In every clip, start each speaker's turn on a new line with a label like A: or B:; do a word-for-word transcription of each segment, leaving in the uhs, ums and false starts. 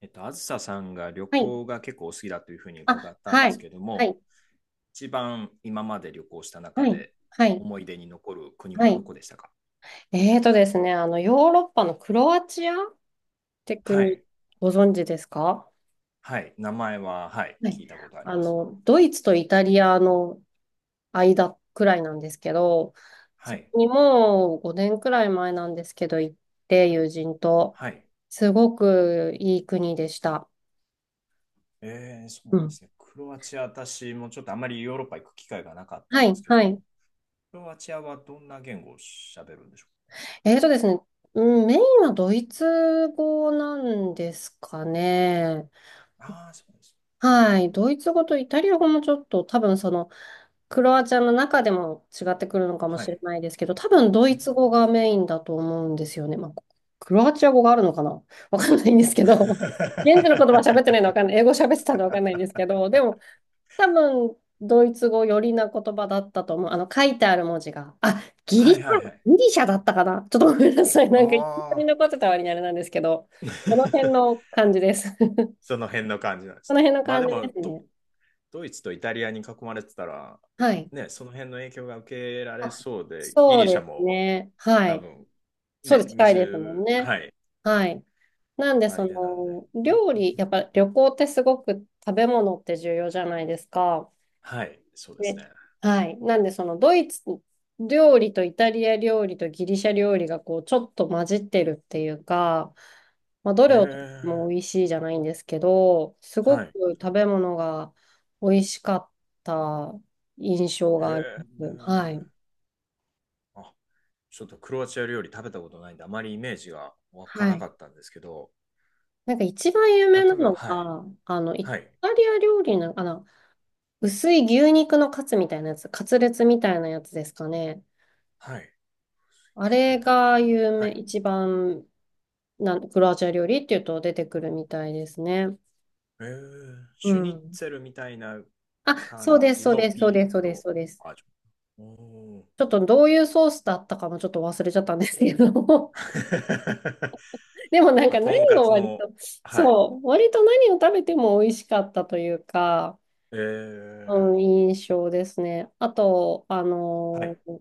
A: えっと、あずささんが旅
B: はい。
A: 行が結構お好きだというふうに伺
B: あ、
A: ったん
B: は
A: です
B: い。
A: けど
B: は
A: も、
B: い。
A: 一番今まで旅行した
B: は
A: 中
B: い。
A: で
B: はい。
A: 思い出に残る国
B: は
A: はど
B: い。
A: こでしたか？
B: えーとですね、あの、ヨーロッパのクロアチアって
A: は
B: 国、
A: い。
B: ご存知ですか？
A: はい。名前は、はい。
B: はい。
A: 聞いたことあり
B: あ
A: ます。
B: の、ドイツとイタリアの間くらいなんですけど、
A: は
B: そ
A: い。
B: こにもうごねんくらい前なんですけど、行って、友人と、
A: はい。
B: すごくいい国でした。
A: えー、そう
B: う
A: で
B: ん。
A: すね。クロアチア、私もちょっとあまりヨーロッパ行く機会がなかった
B: は
A: んで
B: い。
A: すけど
B: はい。
A: も、クロアチアはどんな言語を喋るんでしょ
B: えーとですね、うん、メインはドイツ語なんですかね。
A: うか？ああー、そうです。うん
B: は
A: うん。
B: い。ドイツ語とイタリア語もちょっと多分そのクロアチアの中でも違ってくるのかも
A: は
B: しれ
A: い。
B: ないですけど、多分ド
A: う
B: イ
A: ーん。
B: ツ語がメインだと思うんですよね。まあ、クロアチア語があるのかな。 わかんないんですけど、現地の言葉喋ってないのわかんない。英語喋ってたのわかんないんですけど、でも多分ドイツ語寄りな言葉だったと思う。あの書いてある文字が。あ、ギリ
A: はい
B: シ
A: はい
B: ャ、
A: はい。
B: ギリシャだったかな。 ちょっとごめんなさい。な
A: あ
B: んか一緒に
A: あ、
B: 残ってた割にあれなんですけど、この辺 の感じです。
A: その辺の感じなんで
B: こ
A: す
B: の
A: ね。
B: 辺の
A: まあ
B: 感
A: で
B: じで
A: も
B: す
A: ド、
B: ね。
A: ドイツとイタリアに囲まれてたら、
B: はい。
A: ね、その辺の影響が受けられ
B: あ、
A: そうで、ギ
B: そう
A: リシャ
B: です
A: も
B: ね。は
A: 多
B: い。
A: 分、
B: そう
A: ね、
B: です。近いですもん
A: 水、
B: ね。
A: はい、
B: はい。なんで、
A: 与え
B: そ
A: てなんで。
B: の、料理、やっぱ旅行ってすごく食べ物って重要じゃないですか。
A: はい、そうです
B: ね。
A: ね。
B: はい。なんで、その、ドイツ料理とイタリア料理とギリシャ料理が、こう、ちょっと混じってるっていうか、まあ、ど
A: へ
B: れをとっても
A: え、
B: 美味しいじゃないんですけど、す
A: は
B: ごく
A: い、
B: 食べ物が美味しかった印象
A: へ
B: があり
A: え、
B: ます。はい。
A: あ、ちょっとクロアチア料理食べたことないんで、あまりイメージが湧か
B: は
A: なか
B: い。
A: ったんですけど、
B: なんか一番有
A: 例
B: 名な
A: えば、
B: の
A: はい、
B: が、あの、イ
A: はい、
B: タリア料理の、あの、薄い牛肉のカツみたいなやつ、カツレツみたいなやつですかね。
A: はい、
B: あれが有
A: は
B: 名、
A: い。
B: 一番なん、クロアチア料理っていうと出てくるみたいですね。
A: えー、
B: う
A: シュニッ
B: ん。
A: ツェルみたいな
B: あ、そう
A: 感
B: です、
A: じ
B: そう
A: の
B: です、そう
A: ビー
B: です、そう
A: フ
B: です、
A: の
B: そうです。
A: バージョン。おー。
B: ちょっとどういうソースだったかもちょっと忘れちゃったんですけど。でもなん
A: まあ、
B: か
A: と
B: 何
A: んか
B: を
A: つ
B: 割
A: の、
B: と、
A: はい。
B: そう、割と何を食べても美味しかったというか、
A: えー、
B: うん、印象ですね。あと、あ
A: は
B: の
A: い、
B: ー、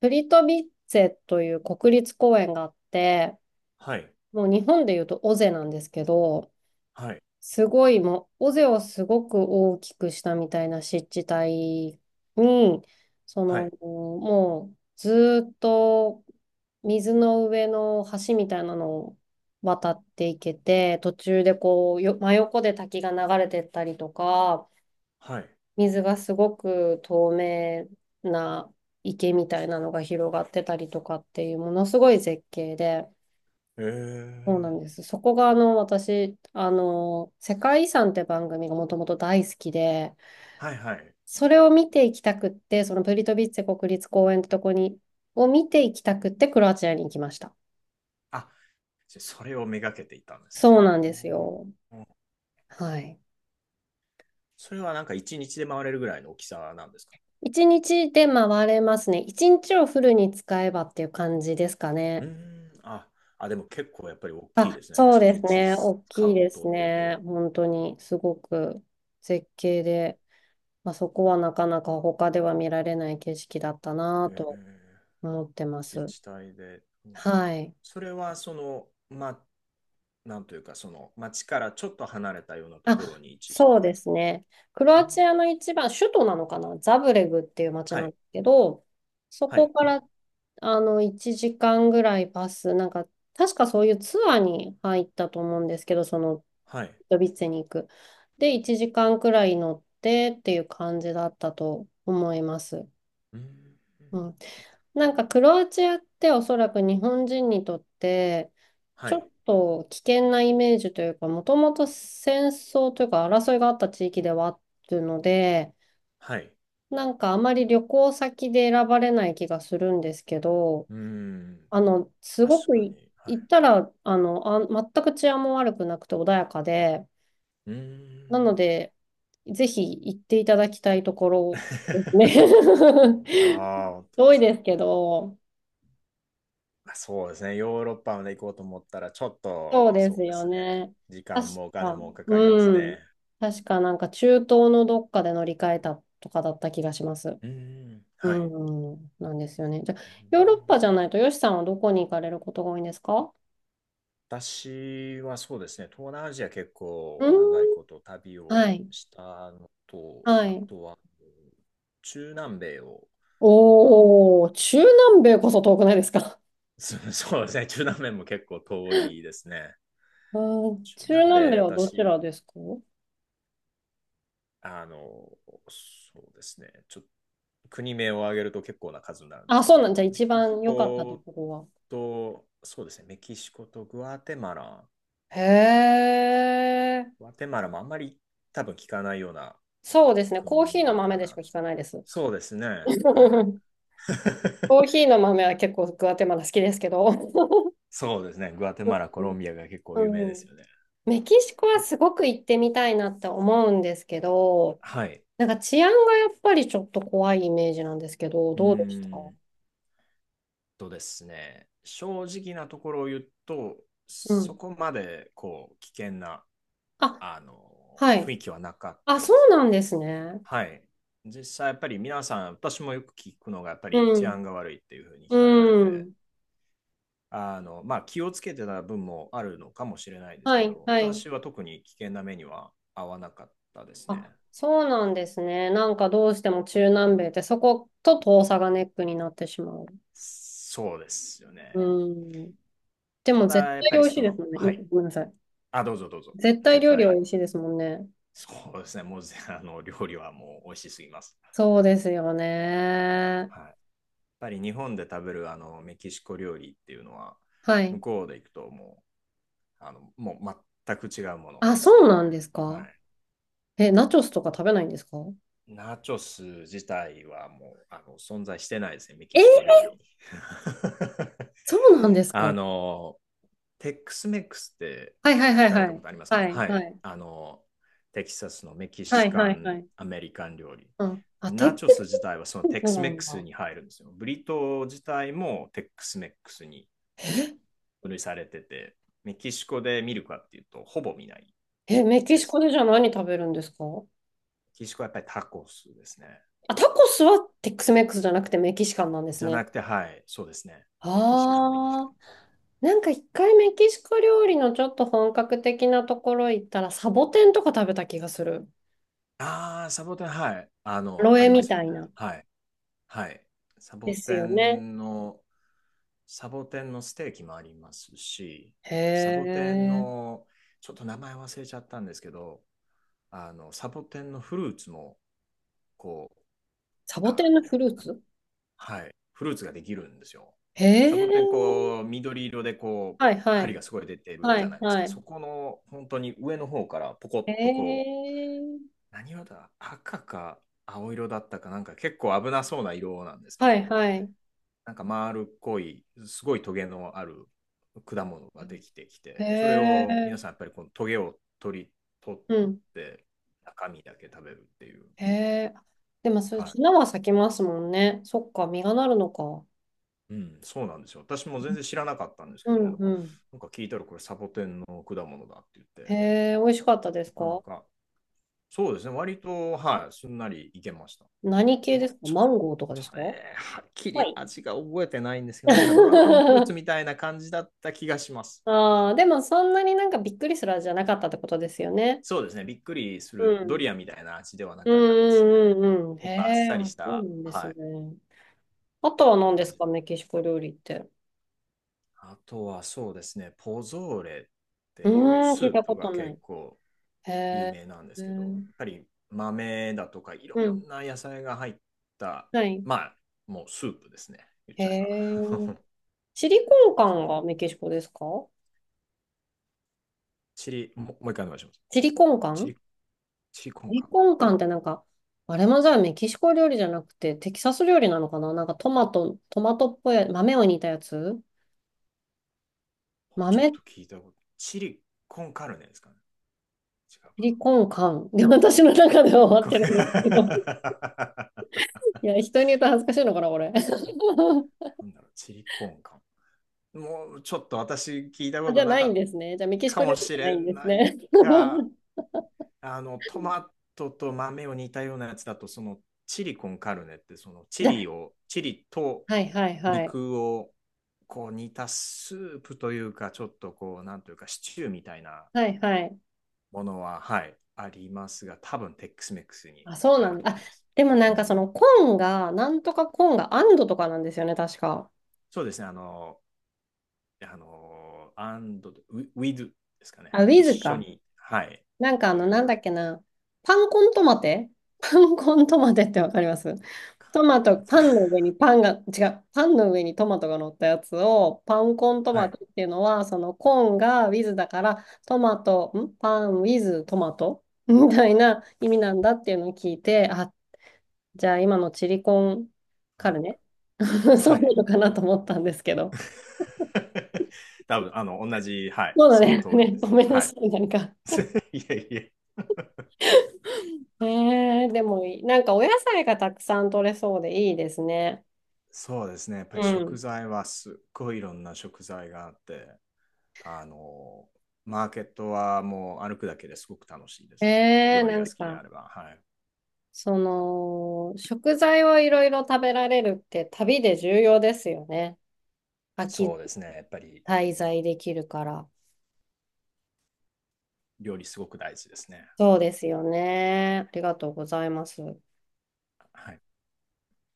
B: プリトビッツェという国立公園があって、
A: はい、
B: もう日本でいうと尾瀬なんですけど、
A: はい、
B: すごいもう、尾瀬をすごく大きくしたみたいな湿地帯に、そ
A: は
B: の、
A: い、
B: もうずーっと水の上の橋みたいなのを渡っていけて、途中でこう、よ、真横で滝が流れてったりとか、
A: はい。
B: 水がすごく透明な池みたいなのが広がってたりとかっていうものすごい絶景で、
A: え
B: そうな
A: ー、
B: んです。そこがあの私、あの、世界遺産って番組がもともと大好きで、
A: はい、はい。
B: それを見ていきたくって、そのプリトビッツェ国立公園ってとこに、を見ていきたくってクロアチアに行きました。
A: あ、じゃそれをめがけていたんですね。
B: そうなんです
A: おー。
B: よ。はい。
A: それはなんかいちにちで回れるぐらいの大きさなんですか？
B: 一日で回れますね。一日をフルに使えばっていう感じですか
A: うー
B: ね。
A: ん、あ、あ、でも結構やっぱり大きい
B: あ、
A: ですね。
B: そう
A: 1
B: です
A: 日
B: ね。大
A: 使
B: きい
A: う
B: で
A: と
B: す
A: っていう
B: ね。
A: と。
B: 本当に、すごく絶景で、まあ、そこはなかなか他では見られない景色だったな
A: え
B: ぁと
A: ー。
B: 思ってま
A: 自
B: す。
A: 治体で、うん。
B: はい。
A: それはその、まあ、なんというか、その町からちょっと離れたようなと
B: あ、
A: ころに位置して
B: そう
A: るん
B: で
A: ですか？
B: すね。クロ
A: う
B: ア
A: ん。
B: チアの一番、首都なのかなザブレグっていう街
A: は
B: なん
A: い、
B: ですけど、そ
A: はい、
B: こから、あの、いちじかんぐらいバス、なんか、確かそういうツアーに入ったと思うんですけど、その、
A: はい、
B: ドビッツェに行く。で、いちじかんくらい乗ってっていう感じだったと思います。
A: うん。
B: うん、なんかクロアチアっておそらく日本人にとって
A: は
B: ちょ
A: い、
B: っと危険なイメージというか、もともと戦争というか争いがあった地域ではあるので、
A: はい。
B: なんかあまり旅行先で選ばれない気がするんですけど、
A: うん。
B: あのすご
A: 確
B: く
A: か
B: い
A: に、はい。
B: 行ったら、あのあ全く治安も悪くなくて穏やかで、
A: うー
B: なの
A: ん。
B: で、ぜひ行っていただきたいところです ね。
A: ああ、本 当で
B: 遠い
A: すか。
B: ですけど。
A: まあ、そうですね。ヨーロッパまで行こうと思ったら、ちょっ
B: そ
A: と、
B: うで
A: そ
B: す
A: うで
B: よ
A: すね。
B: ね。
A: 時
B: 確
A: 間もお金
B: か、
A: もかかります
B: うん。
A: ね。
B: 確かなんか中東のどっかで乗り換えたとかだった気がします。
A: うん。
B: う
A: はい。
B: ん、うんなんですよね。じゃあ、
A: う
B: ヨーロッパ
A: ん。
B: じゃないと、ヨシさんはどこに行かれることが多いんですか？
A: 私はそうですね、東南アジア結
B: う
A: 構長い
B: ん。
A: こと旅を
B: はい。
A: したのと、
B: は
A: あ
B: い。
A: とは中南米を、まあ、
B: おー、中南米こそ遠くないですか？
A: そそうですね、中南米も結構遠いですね。
B: うん、
A: 中南
B: 中南
A: 米、
B: 米はどち
A: 私、
B: らですか？
A: あの、そうですね、ちょっと国名を挙げると結構な数になるんです
B: あ、
A: け
B: そうなんじ
A: ど、
B: ゃ
A: メ
B: 一
A: キシ
B: 番良かったと
A: コ
B: ころは。
A: と、そうですね、メキシコとグアテマラ、
B: へえ、
A: グアテマラもあんまり多分聞かないような
B: そうですね。コー
A: 国名
B: ヒーの豆
A: か
B: でし
A: な
B: か
A: と。
B: 聞かないです。
A: そうですね。はい。
B: コ ーヒーの豆は結構グアテマラ好きですけど、
A: そうですね。グアテマラ、コロンビアが結
B: う
A: 構有名
B: ん、
A: で
B: う
A: す
B: ん、
A: よね。
B: メキシコは
A: え、
B: すごく行ってみたいなって思うんですけど、
A: はい。
B: なんか治安がやっぱりちょっと怖いイメージなんですけど、
A: うー
B: どうでした？
A: んとですね。正直なところを言うと、
B: う
A: そ
B: ん。
A: こまでこう危険な
B: あ、
A: あ
B: は
A: の雰
B: い。
A: 囲気はなかっ
B: あ、
A: た
B: そ
A: で
B: う
A: す。
B: なんですね。
A: はい。実際やっぱり皆さん、私もよく聞くのがやっぱり
B: う
A: 治
B: ん。
A: 安が悪いっていうふうに聞かれて
B: う
A: て、
B: ん。
A: あの、まあ、気をつけてた分もあるのかもしれないです
B: は
A: け
B: い、
A: ど、
B: はい。
A: 私は特に危険な目には合わなかったです
B: あ、
A: ね。
B: そうなんですね。なんかどうしても中南米ってそこと遠さがネックになってしまう。
A: そうですよ
B: う
A: ね。
B: ん。で
A: た
B: も絶
A: だ、やっ
B: 対
A: ぱ
B: 美
A: り
B: 味しい
A: そ
B: です
A: の、
B: もんね。う
A: はい。
B: ん、ごめんなさい。
A: あ、どうぞどうぞ。
B: 絶対
A: 絶
B: 料理は
A: 対。
B: 美味しいですもんね。
A: そうですね。もう。 あの、料理はもう美味しすぎます。
B: そうですよね。
A: はい。やっぱり日本で食べるあのメキシコ料理っていうのは、
B: は
A: 向
B: い。
A: こうで行くともう、あの、もう全く違うもの
B: あ、
A: です
B: そ
A: ね。
B: うなんです
A: は
B: か？
A: い。
B: え、ナチョスとか食べないんですか？
A: ナチョス自体はもうあの存在してないですね、メ
B: え
A: キ
B: ー、
A: シコ料理に。
B: そうなんですか、
A: あ
B: は
A: の、テックスメックスって
B: いはいは
A: 聞
B: い
A: か
B: は
A: れたこ
B: い。
A: とあります
B: は
A: か？
B: い
A: は
B: は
A: い。
B: い。
A: あの、テキサスのメキ
B: は
A: シ
B: い
A: カ
B: はいは
A: ン、
B: い。
A: アメリカン料理。
B: うん。あ、テッ
A: ナチョ
B: ク
A: ス自
B: ス
A: 体はそのテックスメ
B: な
A: ッ
B: ん
A: クス
B: だ。
A: に入るんですよ。ブリトー自体もテックスメックスに分類されてて、メキシコで見るかっていうと、ほぼ見ない
B: え、メキ
A: で
B: シコ
A: す。
B: でじゃあ何食べるんですか？
A: メキシコはやっぱりタコスですね。
B: あ、タコスはテックスメックスじゃなくてメキシカンなんです
A: じゃな
B: ね。
A: くて、はい、そうですね。メキシカン、メキシカ
B: あ
A: ン
B: あ。
A: です。
B: なんか一回メキシコ料理のちょっと本格的なところ行ったらサボテンとか食べた気がする。
A: ああ、サボテン、はい。あの、
B: ロ
A: あ
B: エ
A: りま
B: み
A: すよ
B: た
A: ね。
B: いな。
A: はい。はい。サ
B: で
A: ボ
B: す
A: テ
B: よね。
A: ンの、サボテンのステーキもありますし、
B: へ
A: サボテン
B: え。
A: の、ちょっと名前忘れちゃったんですけど、あの、サボテンのフルーツも、こう、
B: サボテ
A: あ
B: ンのフル
A: の、
B: ー
A: な
B: ツ？
A: はい、フルーツができるんですよ。
B: へ
A: サボテン、
B: え。
A: こう、緑色で、こう、
B: はいは
A: 針が
B: い。
A: すごい出てる
B: は
A: じゃ
B: い
A: ないです
B: は
A: か。そ
B: い。
A: この、本当に上の方から、ポコッ
B: へ
A: と、こ
B: え。
A: 何色だ、赤か青色だったかなんか結構危なそうな色なんですけ
B: はい
A: ど、
B: はい。
A: なんか丸っこい、すごいトゲのある果物ができてき
B: へ
A: て、それを皆さんや
B: え。
A: っぱりこのトゲを取り、取っ
B: うん。
A: て中身だけ食べるっていう。
B: へえ。でもそれ、
A: はい。
B: 花は咲きますもんね。そっか、実がなるのか。
A: うん、そうなんですよ。私も全然知らなかったんです
B: う
A: け
B: ん
A: ど、
B: うん。
A: なんか聞いたらこれサボテンの果物だって言って、
B: へえ、美味しかったです
A: なかな
B: か？
A: か、そうですね、割と、はい、すんなりいけました。
B: 何系です
A: ど、
B: か？
A: ちょ
B: マ
A: っ
B: ンゴーとかです
A: と
B: か？は
A: ね、はっきり
B: い。
A: 味が覚えてないんですけど、なんかドラゴンフルー ツみたいな感じだった気がします。
B: ああ、でもそんなになんかびっくりする味じゃなかったってことですよね。
A: そうですね、びっくりす
B: う
A: るド
B: ん。
A: リアンみたいな味ではな
B: う
A: かったですね。
B: んうんうんうん。
A: も
B: へ
A: っとあっ
B: え、
A: さり
B: あ、
A: し
B: そうな
A: た
B: んですね。あとは何です
A: 味
B: か、
A: だ。
B: メキシコ料理って。
A: あとはそうですね、ポゾーレって
B: う
A: いう
B: ーん、
A: ス
B: 聞い
A: ー
B: たこ
A: プ
B: と
A: が
B: ない。
A: 結構
B: へ
A: 有
B: え、
A: 名なんです
B: う
A: けど、
B: ん、
A: やっぱり豆だとかいろ
B: うん、
A: んな野菜が入った、
B: はい。
A: まあ、もうスープですね、言っ
B: へ
A: ちゃえば。
B: え。チリコンカ
A: そ
B: ン
A: れ、
B: がメキシコですか？
A: チリ、ももう一回お願いします。
B: チリコンカ
A: チ
B: ン。
A: リ、チリコ
B: チ
A: ンカ
B: リコ
A: ン。
B: ンカンってなんか、あれもじゃあメキシコ料理じゃなくてテキサス料理なのかな、なんかトマト、トマトっぽい豆を煮たやつ、
A: う、ちょっ
B: 豆、チ
A: と聞いたこと。チリコンカルネですかね、違
B: リコンカン。で、私の中では終
A: う
B: わっ
A: か
B: て
A: な。
B: るん
A: 一
B: ですけど。
A: 個目。
B: いや、人に言うと恥ずかしいのかな、これ。
A: なんだろう、チリコンか。もうちょっと私聞いたこ
B: あ、じゃ
A: と
B: あ
A: な
B: ない
A: か
B: ん
A: っ
B: ですね。じゃあメキ
A: た
B: シ
A: か
B: コ
A: も
B: 料理じ
A: し
B: ゃな
A: れ
B: いんです
A: ない
B: ね。
A: か、あの、トマトと豆を煮たようなやつだと、そのチリコンカルネって、そのチ
B: じゃ
A: リ
B: あ、
A: を、チリと
B: はいはいはい。
A: 肉をこう煮たスープというか、ちょっとこう、なんというか、シチューみたいな
B: はいはい。
A: ものは、はい、ありますが、多分テックスメックスに
B: あ、そう
A: 入
B: な
A: る
B: ん
A: と
B: だ。
A: 思
B: あ、
A: います。
B: でもな
A: う
B: んか
A: ん。
B: そのコーンが、なんとかコーンがアンドとかなんですよね、確か。
A: そうですね、あの、あの、and, with ですかね。
B: あ、ウィ
A: 一
B: ズ
A: 緒
B: か。
A: に、はい、
B: なんかあ
A: と
B: の、
A: い
B: な
A: う。
B: んだ っけな。パンコントマテ。 パンコントマテってわかります？トマト、
A: 感じ。
B: パンの上 にパンが、違う、パンの上にトマトが乗ったやつを、パンコント
A: は
B: マ
A: い、
B: トっていうのは、そのコーンが with だから、トマト、んパン with トマトみたいな意味なんだっていうのを聞いて、あ、じゃあ今のチリコンカルネ。 そ
A: は
B: うな
A: い。
B: のかなと思ったんですけど。
A: 多分、あの、同じ、はい、
B: そうだ
A: その
B: ね。
A: 通り
B: ね、
A: で
B: ご
A: す。
B: めんな
A: はい。
B: さい、なんか。
A: いやいや。
B: えー、でもいい、なんかお野菜がたくさん取れそうでいいですね。
A: そうですね。やっぱ
B: う
A: り食
B: ん。
A: 材はすっごいいろんな食材があって、あの、マーケットはもう歩くだけですごく楽しいです。
B: えー、
A: 料理
B: な
A: が
B: ん
A: 好きであ
B: か。
A: れば、はい。
B: その、食材をいろいろ食べられるって旅で重要ですよね。
A: そ
B: 秋
A: うですね。やっぱり
B: 滞在できるから。
A: 料理すごく大事ですね。
B: そうですよね。ありがとうございます。
A: はい。